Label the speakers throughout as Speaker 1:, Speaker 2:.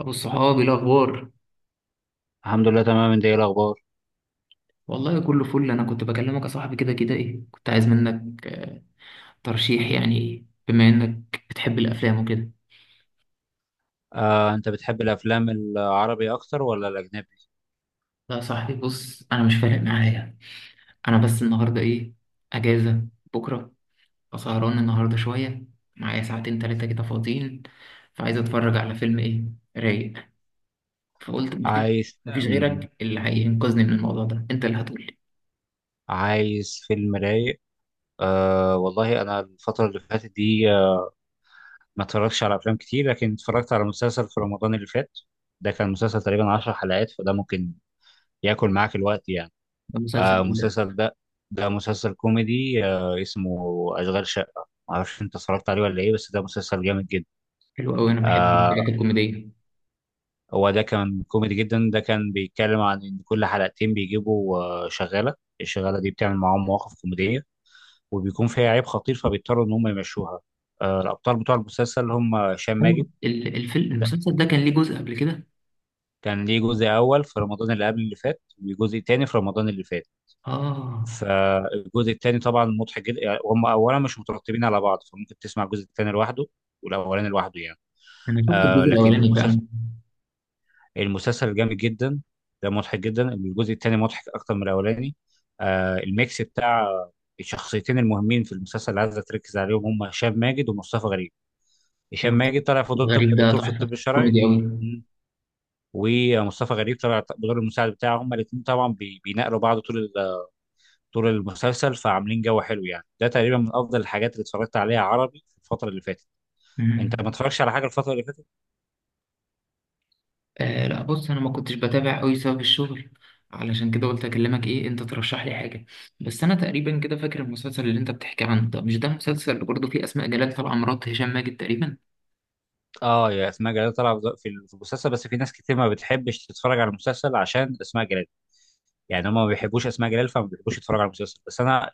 Speaker 1: ابو الصحاب إيه الاخبار؟
Speaker 2: الحمد لله، تمام. انت ايه الاخبار؟
Speaker 1: والله كله فل. انا كنت بكلمك يا صاحبي كده ايه، كنت عايز منك ترشيح، يعني بما انك بتحب الافلام وكده.
Speaker 2: انت بتحب الافلام العربي اكتر ولا الاجنبي؟
Speaker 1: لا يا صاحبي، بص انا مش فارق معايا. انا بس النهارده ايه، اجازه بكره، فسهران النهارده شويه، معايا ساعتين تلاتة كده فاضيين، فعايز اتفرج على فيلم ايه، رايق. فقلت مفيش،
Speaker 2: عايز
Speaker 1: مفيش
Speaker 2: أم،
Speaker 1: غيرك اللي هينقذني من الموضوع ده، انت اللي هتقولي.
Speaker 2: عايز فيلم رايق. والله انا الفتره اللي فاتت دي، ما اتفرجتش على افلام كتير، لكن اتفرجت على مسلسل في رمضان اللي فات. ده كان مسلسل تقريبا 10 حلقات، فده ممكن ياكل معاك الوقت يعني.
Speaker 1: ده مسلسل ايه ده؟
Speaker 2: المسلسل ده، ده مسلسل كوميدي، اسمه اشغال شقه، معرفش انت اتفرجت عليه ولا ايه، بس ده مسلسل جامد جدا.
Speaker 1: حلو قوي، انا بحب
Speaker 2: آه،
Speaker 1: الحاجات الكوميديه.
Speaker 2: هو ده كان كوميدي جدا. ده كان بيتكلم عن ان كل حلقتين بيجيبوا شغاله. الشغاله دي بتعمل معاهم مواقف كوميديه، وبيكون فيها عيب خطير، فبيضطروا ان هم يمشوها. الابطال بتوع المسلسل هم هشام ماجد.
Speaker 1: ايوه، الفيلم
Speaker 2: ده
Speaker 1: المسلسل ده كان ليه جزء قبل كده؟
Speaker 2: كان ليه جزء اول في رمضان اللي قبل اللي فات، وجزء تاني في رمضان اللي فات.
Speaker 1: اه.
Speaker 2: فالجزء التاني طبعا مضحك جدا، يعني هم اولا مش مترتبين على بعض، فممكن تسمع الجزء التاني لوحده والاولاني لوحده يعني.
Speaker 1: انا شفت الجزء
Speaker 2: لكن
Speaker 1: الاولاني
Speaker 2: المسلسل،
Speaker 1: فعلا.
Speaker 2: المسلسل جامد جدا. ده مضحك جدا، الجزء الثاني مضحك اكتر من الاولاني. الميكس بتاع الشخصيتين المهمين في المسلسل اللي عايز تركز عليهم هم هشام ماجد ومصطفى غريب. هشام
Speaker 1: ايوه،
Speaker 2: ماجد طلع في دور طب
Speaker 1: غريب ده
Speaker 2: دكتور في
Speaker 1: تحفه
Speaker 2: الطب الشرعي.
Speaker 1: كوميدي قوي.
Speaker 2: مم. ومصطفى غريب طلع بدور المساعد بتاعه. هما الاثنين طبعا بيناقلوا بعض طول المسلسل، فعاملين جو حلو يعني. ده تقريبا من افضل الحاجات اللي اتفرجت عليها عربي في الفتره اللي فاتت. انت ما
Speaker 1: مم.
Speaker 2: اتفرجتش على حاجه الفتره اللي فاتت؟
Speaker 1: آه لا، بص انا ما كنتش بتابع قوي بسبب الشغل، علشان كده قلت اكلمك ايه، انت ترشح لي حاجه. بس انا تقريبا كده فاكر المسلسل اللي انت بتحكي عنه، ده مش ده المسلسل اللي برضه فيه اسماء جلال طالعه مرات هشام ماجد تقريبا؟
Speaker 2: اه يا اسماء جلال طالعه في المسلسل، بس في ناس كتير ما بتحبش تتفرج على المسلسل عشان اسماء جلال، يعني هم ما بيحبوش اسماء جلال، فما بيحبوش يتفرجوا على المسلسل. بس انا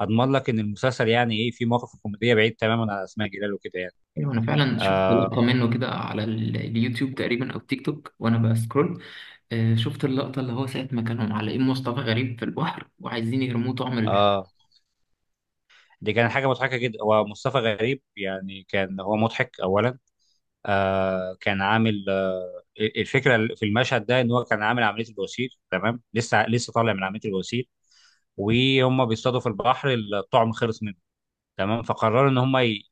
Speaker 2: اضمن لك ان المسلسل يعني ايه، في مواقف كوميديه بعيد تماما عن اسماء جلال وكده يعني.
Speaker 1: ايوه، انا فعلا شفت
Speaker 2: آه
Speaker 1: لقطه منه كده على اليوتيوب تقريبا او تيك توك وانا بسكرول. شفت اللقطة اللي هو ساعة ما كانوا معلقين مصطفى غريب في البحر وعايزين يرموه طعم الحب.
Speaker 2: اه دي كانت حاجه مضحكه جدا. هو مصطفى غريب يعني كان هو مضحك اولا. كان عامل الفكره في المشهد ده ان هو كان عامل عمليه البواسير، تمام، لسه طالع من عمليه البواسير، وهم بيصطادوا في البحر، الطعم خلص منه، تمام، فقرروا ان هم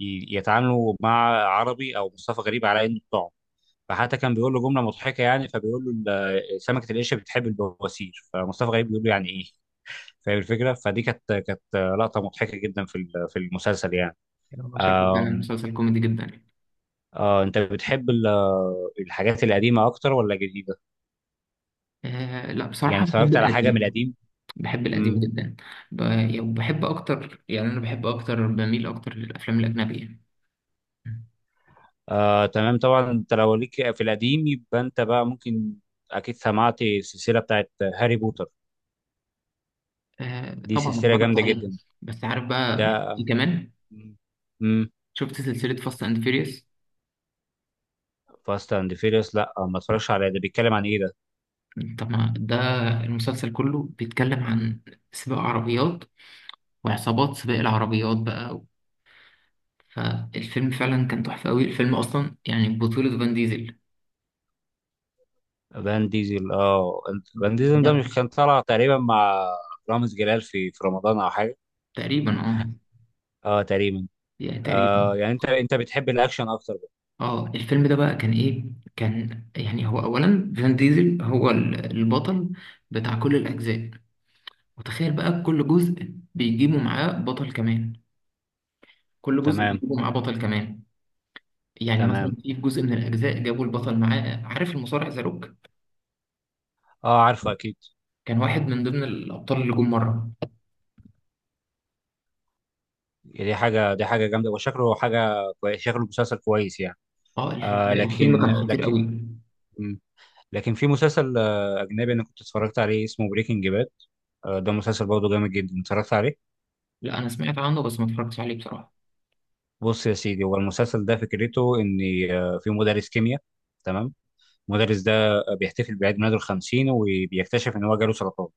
Speaker 2: يتعاملوا مع عربي او مصطفى غريب على انه بتوعه. فحتى كان بيقول له جمله مضحكه يعني، فبيقول له سمكه القشه بتحب البواسير، فمصطفى غريب بيقول له يعني ايه؟ فاهم الفكره. فدي كانت لقطه مضحكه جدا في في المسلسل يعني.
Speaker 1: هو شكله كان
Speaker 2: آم،
Speaker 1: مسلسل كوميدي جدا يعني.
Speaker 2: انت بتحب الحاجات القديمه اكتر ولا الجديده؟
Speaker 1: آه لا،
Speaker 2: يعني
Speaker 1: بصراحة بحب
Speaker 2: اتفرجت على حاجه من
Speaker 1: القديم.
Speaker 2: القديم؟
Speaker 1: بحب القديم
Speaker 2: امم
Speaker 1: جدا. يعني بحب أكتر، يعني أنا بحب أكتر، بميل أكتر للأفلام الأجنبية.
Speaker 2: تمام، طبعا انت لو ليك في القديم، يبقى انت بقى ممكن اكيد سمعت السلسله بتاعت هاري بوتر.
Speaker 1: آه
Speaker 2: دي
Speaker 1: طبعا
Speaker 2: سلسلة
Speaker 1: اتفرجت
Speaker 2: جامدة
Speaker 1: عليه.
Speaker 2: جدا.
Speaker 1: بس عارف
Speaker 2: ده.
Speaker 1: بقى بحب إيه كمان؟
Speaker 2: امم
Speaker 1: شفت سلسلة فاست أند فيريوس؟
Speaker 2: فاست اند فيريوس؟ لا ما اتفرجش عليه، ده بيتكلم عن ايه ده؟
Speaker 1: طب ما ده المسلسل كله بيتكلم عن سباق عربيات وعصابات سباق العربيات بقى. فالفيلم فعلا كان تحفة أوي، الفيلم أصلا يعني بطولة فان ديزل.
Speaker 2: فان ديزل، اه، فان ديزل ده مش
Speaker 1: بالظبط.
Speaker 2: كان طالع تقريبا مع رامز جلال في رمضان او حاجة؟
Speaker 1: تقريبا اه.
Speaker 2: اه تقريبا.
Speaker 1: يعني تقريبا.
Speaker 2: يعني انت بتحب الاكشن اكتر بقى.
Speaker 1: اه، الفيلم ده بقى كان ايه، كان يعني هو اولا فان ديزل هو البطل بتاع كل الاجزاء. وتخيل بقى، كل جزء بيجيبوا معاه بطل كمان، كل جزء
Speaker 2: تمام.
Speaker 1: بيجيبوا معاه بطل كمان يعني مثلا
Speaker 2: تمام.
Speaker 1: في جزء من الاجزاء جابوا البطل معاه، عارف المصارع ذا روك؟
Speaker 2: اه، عارفه اكيد.
Speaker 1: كان واحد من ضمن الابطال اللي جم مره.
Speaker 2: دي حاجة، دي حاجة جامدة، وشكله حاجة كويس، شكله مسلسل كويس يعني.
Speaker 1: اه الفيلم
Speaker 2: لكن
Speaker 1: كان خطير
Speaker 2: لكن
Speaker 1: قوي.
Speaker 2: مم. لكن في مسلسل اجنبي انا كنت اتفرجت عليه، اسمه بريكنج باد. ده مسلسل برضه جامد جدا، اتفرجت عليه.
Speaker 1: لا انا سمعت عنه بس ما اتفرجتش عليه بصراحه.
Speaker 2: بص يا سيدي، هو المسلسل ده فكرته ان في مدرس كيمياء، تمام. المدرس ده بيحتفل بعيد ميلاده الخمسين، وبيكتشف ان هو جاله سرطان.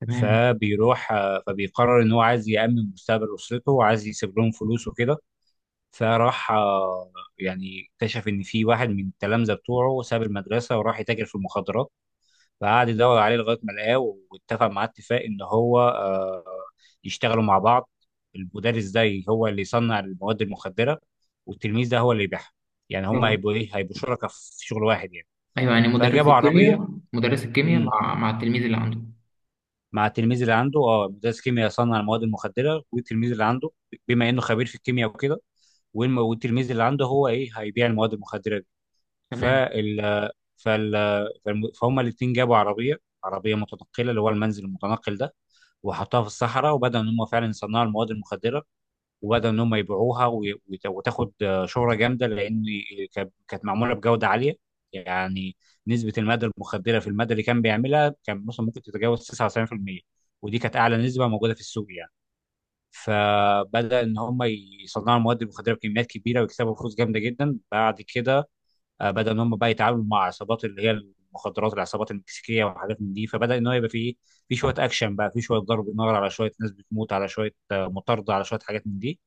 Speaker 1: تمام.
Speaker 2: فبيروح، فبيقرر ان هو عايز يأمن مستقبل اسرته، وعايز يسيب لهم فلوس وكده. فراح، يعني اكتشف ان في واحد من التلامذه بتوعه ساب المدرسه، وراح يتاجر في المخدرات. فقعد يدور عليه لغايه ما لقاه، واتفق مع، اتفاق ان هو يشتغلوا مع بعض. المدرس ده هو اللي يصنع المواد المخدره، والتلميذ ده هو اللي يبيعها. يعني هم
Speaker 1: اه.
Speaker 2: هيبقوا ايه؟ هيبقوا شركاء في شغل واحد يعني.
Speaker 1: ايوه يعني مدرس
Speaker 2: فجابوا عربيه.
Speaker 1: الكيمياء، مدرس الكيمياء
Speaker 2: مم،
Speaker 1: مع مع التلميذ اللي عنده.
Speaker 2: مع التلميذ اللي عنده، اه، مدرس كيمياء يصنع المواد المخدره والتلميذ اللي عنده، بما انه خبير في الكيمياء وكده، والتلميذ اللي عنده هو ايه؟ هيبيع المواد المخدره دي.
Speaker 1: تمام.
Speaker 2: فال فهم الاثنين جابوا عربيه، عربيه متنقله، اللي هو المنزل المتنقل ده، وحطوها في الصحراء، وبدأوا ان هم فعلا يصنعوا المواد المخدره، وبدأوا ان هم يبيعوها، وتاخد شهره جامده، لان كانت معموله بجوده عاليه يعني. نسبه الماده المخدره في الماده اللي كان بيعملها كان مثلا ممكن تتجاوز 99%، ودي كانت اعلى نسبه موجوده في السوق يعني. فبدأ ان هم يصنعوا المواد المخدره بكميات كبيره، ويكسبوا فلوس جامده جدا. بعد كده بدا ان هم بقى يتعاملوا مع عصابات، اللي هي المخدرات، العصابات المكسيكيه وحاجات من دي. فبدا ان هو يبقى فيه، في شويه اكشن بقى، في شويه ضرب نار، على شويه ناس بتموت، على شويه مطارده، على شويه حاجات من دي.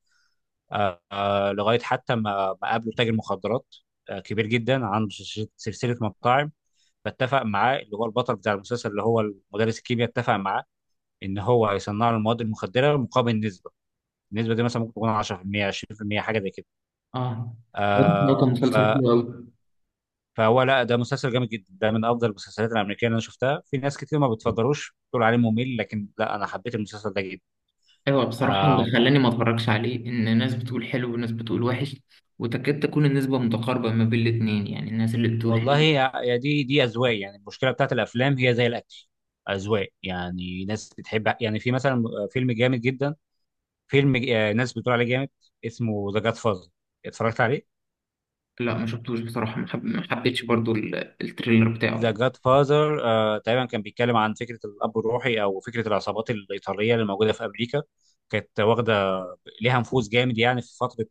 Speaker 2: لغايه حتى ما قابلوا تاجر مخدرات كبير جدا، عنده سلسله، سلسلة مطاعم. فاتفق معاه، اللي هو البطل بتاع المسلسل اللي هو مدرس الكيمياء، اتفق معاه ان هو هيصنع له المواد المخدره مقابل نسبه. النسبه دي مثلا ممكن تكون 10% 20% حاجه زي كده.
Speaker 1: اه. واضح إن هو كان
Speaker 2: آه ف
Speaker 1: مسلسل حلو قوي.
Speaker 2: فهو لا، ده مسلسل جامد جدا، ده من افضل المسلسلات الامريكيه اللي انا شفتها. في ناس كتير ما بتفضلوش، بتقول عليه ممل، لكن لا، انا حبيت المسلسل ده جدا.
Speaker 1: ايوه بصراحه، اللي
Speaker 2: آم
Speaker 1: خلاني ما اتفرجش عليه ان ناس بتقول حلو وناس بتقول وحش. وتكاد تكون النسبه متقاربه ما بين الاتنين، يعني الناس اللي بتقول
Speaker 2: والله
Speaker 1: حلو.
Speaker 2: يا دي اذواق يعني، المشكله بتاعت الافلام هي زي الاكل، اذواق، يعني ناس بتحب، يعني في مثلا فيلم جامد جدا، فيلم ج- آه، ناس بتقول عليه جامد، اسمه ذا جاد فازر. اتفرجت عليه؟
Speaker 1: لا ما شفتوش بصراحه، ما حبيتش برضو التريلر بتاعه
Speaker 2: ذا
Speaker 1: يعني.
Speaker 2: جاد فازر تقريبا كان بيتكلم عن فكره الاب الروحي، او فكره العصابات الايطاليه اللي موجوده في امريكا. كانت واخده ليها نفوذ جامد يعني في فتره،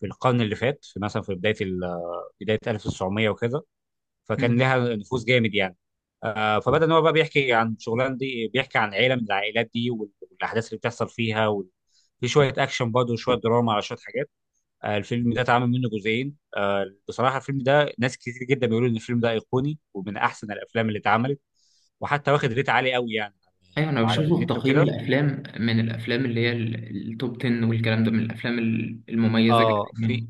Speaker 2: في القرن اللي فات، في مثلا في بدايه 1900 وكده. فكان
Speaker 1: مم.
Speaker 2: لها نفوذ جامد يعني. فبدا ان هو بقى بيحكي عن شغلان دي، بيحكي عن عيله من العائلات دي، والاحداث اللي بتحصل فيها في شويه اكشن برضه، وشويه دراما، على شويه حاجات. الفيلم ده اتعمل منه جزئين. بصراحه، الفيلم ده ناس كتير جدا بيقولوا ان الفيلم ده ايقوني ومن احسن الافلام اللي اتعملت، وحتى واخد ريت عالي قوي يعني
Speaker 1: ايوه انا
Speaker 2: على
Speaker 1: بشوفه في
Speaker 2: النت
Speaker 1: تقييم
Speaker 2: وكده.
Speaker 1: الافلام، من الافلام اللي هي التوب 10 والكلام ده، من الافلام المميزه جدا
Speaker 2: اه، في
Speaker 1: يعني.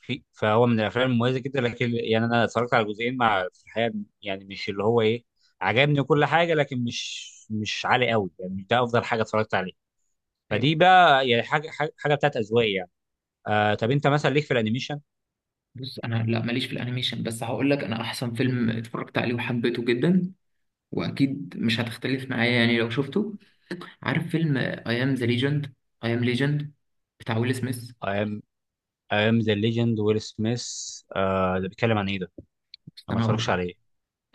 Speaker 2: في فهو من الافلام المميزه جدا، لكن يعني انا اتفرجت على جزئين مع في الحقيقه، يعني مش اللي هو ايه، عجبني كل حاجه، لكن مش، مش عالي قوي يعني، مش ده افضل حاجه اتفرجت عليها.
Speaker 1: ايوه.
Speaker 2: فدي بقى يعني حاجة بتاعت اذواق يعني. طب انت مثلا ليك في الانيميشن؟
Speaker 1: بص انا لا ماليش في الانيميشن، بس هقول لك انا احسن فيلم اتفرجت عليه وحبيته جدا، واكيد مش هتختلف معايا يعني لو شفته. عارف فيلم اي ام ذا ليجند؟ اي ام ليجند بتاع ويل سميث.
Speaker 2: ايام ايام ذا ليجند، ويل سميث. ده بيتكلم عن ايه ده؟
Speaker 1: بس
Speaker 2: انا ما
Speaker 1: انا هقول
Speaker 2: اتفرجش
Speaker 1: لك،
Speaker 2: عليه.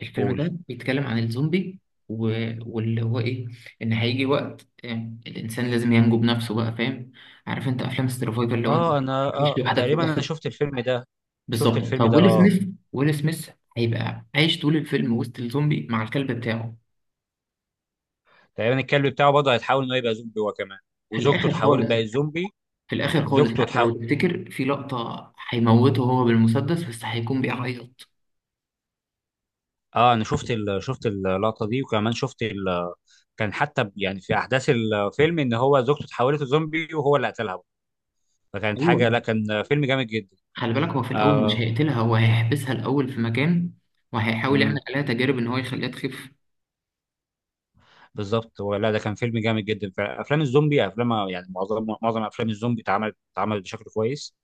Speaker 1: الفيلم
Speaker 2: قول.
Speaker 1: ده بيتكلم عن الزومبي و... واللي هو ايه، ان هيجي وقت يعني الانسان لازم ينجو بنفسه بقى، فاهم؟ عارف انت افلام السرفايفل اللي هو انت
Speaker 2: اه، انا
Speaker 1: هتعيش
Speaker 2: اه
Speaker 1: لوحدك في
Speaker 2: تقريبا انا
Speaker 1: الاخر؟
Speaker 2: شفت الفيلم ده. شفت
Speaker 1: بالظبط.
Speaker 2: الفيلم ده
Speaker 1: فويل
Speaker 2: اه.
Speaker 1: سميث، ويل سميث هيبقى عايش طول الفيلم وسط الزومبي مع الكلب بتاعه.
Speaker 2: تقريبا الكلب بتاعه برضه هيتحول انه يبقى زومبي هو كمان،
Speaker 1: في
Speaker 2: وزوجته
Speaker 1: الاخر
Speaker 2: اتحولت
Speaker 1: خالص،
Speaker 2: بقت زومبي.
Speaker 1: في الاخر خالص
Speaker 2: زوجته
Speaker 1: حتى لو
Speaker 2: تحاول.
Speaker 1: تفتكر في لقطه هيموته هو بالمسدس بس هيكون بيعيط.
Speaker 2: اه انا شفت اللقطه دي، وكمان كان حتى يعني في احداث الفيلم ان هو زوجته اتحولت لزومبي، وهو اللي قتلها، فكانت حاجه، لا
Speaker 1: ايوه.
Speaker 2: كان فيلم جامد جدا.
Speaker 1: خلي بالك هو في الاول مش
Speaker 2: آه
Speaker 1: هيقتلها، هو هيحبسها الاول في مكان، وهيحاول يعمل
Speaker 2: امم
Speaker 1: عليها تجارب ان هو يخليها تخف.
Speaker 2: بالظبط. هو لا، ده كان فيلم جامد جدا. فافلام الزومبي، افلام يعني، معظم افلام الزومبي اتعملت بشكل كويس.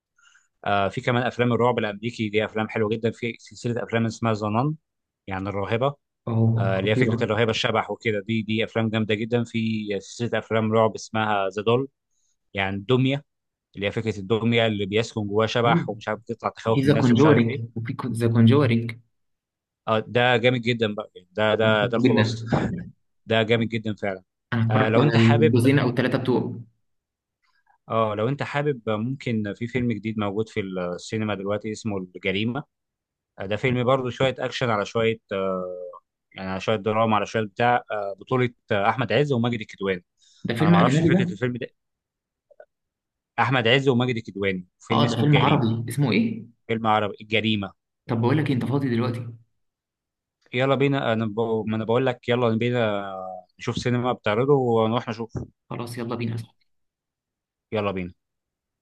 Speaker 2: في كمان افلام الرعب الامريكي دي افلام حلوه جدا. في سلسله افلام اسمها ذا نان، يعني الراهبه.
Speaker 1: فهو
Speaker 2: اللي هي فكره
Speaker 1: خطيره.
Speaker 2: الرهيبه، الشبح وكده. دي افلام جامده جدا. في سلسله افلام رعب اسمها ذا، يعني الدميه، اللي هي فكره الدميه اللي بيسكن جواها
Speaker 1: أيوة.
Speaker 2: شبح ومش عارف بتطلع
Speaker 1: في
Speaker 2: تخوف
Speaker 1: ذا
Speaker 2: الناس، ومش عارف
Speaker 1: كونجورينج،
Speaker 2: ايه.
Speaker 1: وفي ذا كونجورينج
Speaker 2: اه ده جامد جدا بقى يعني، ده
Speaker 1: جدا.
Speaker 2: الخلاصه. ده جامد جدا فعلا.
Speaker 1: انا اتفرجت
Speaker 2: لو
Speaker 1: على
Speaker 2: انت حابب،
Speaker 1: الجزئين او الثلاثه بتوعه.
Speaker 2: اه لو انت حابب، ممكن في فيلم جديد موجود في السينما دلوقتي اسمه الجريمة. ده فيلم برضه شوية اكشن، على شوية يعني، على شوية دراما، على شوية بتاع، بطولة احمد عز وماجد الكدواني.
Speaker 1: ده
Speaker 2: انا
Speaker 1: فيلم
Speaker 2: ما اعرفش
Speaker 1: اجنبي ده؟
Speaker 2: فكرة الفيلم ده. احمد عز وماجد الكدواني، فيلم
Speaker 1: اه ده
Speaker 2: اسمه
Speaker 1: فيلم
Speaker 2: الجريمة.
Speaker 1: عربي اسمه ايه؟
Speaker 2: فيلم عربي، الجريمة.
Speaker 1: طب بقول لك إيه، انت فاضي دلوقتي؟
Speaker 2: يلا بينا ما انا بقول لك يلا بينا، نشوف سينما بتعرضه ونروح نشوف.
Speaker 1: خلاص يلا بينا.
Speaker 2: يلا بينا.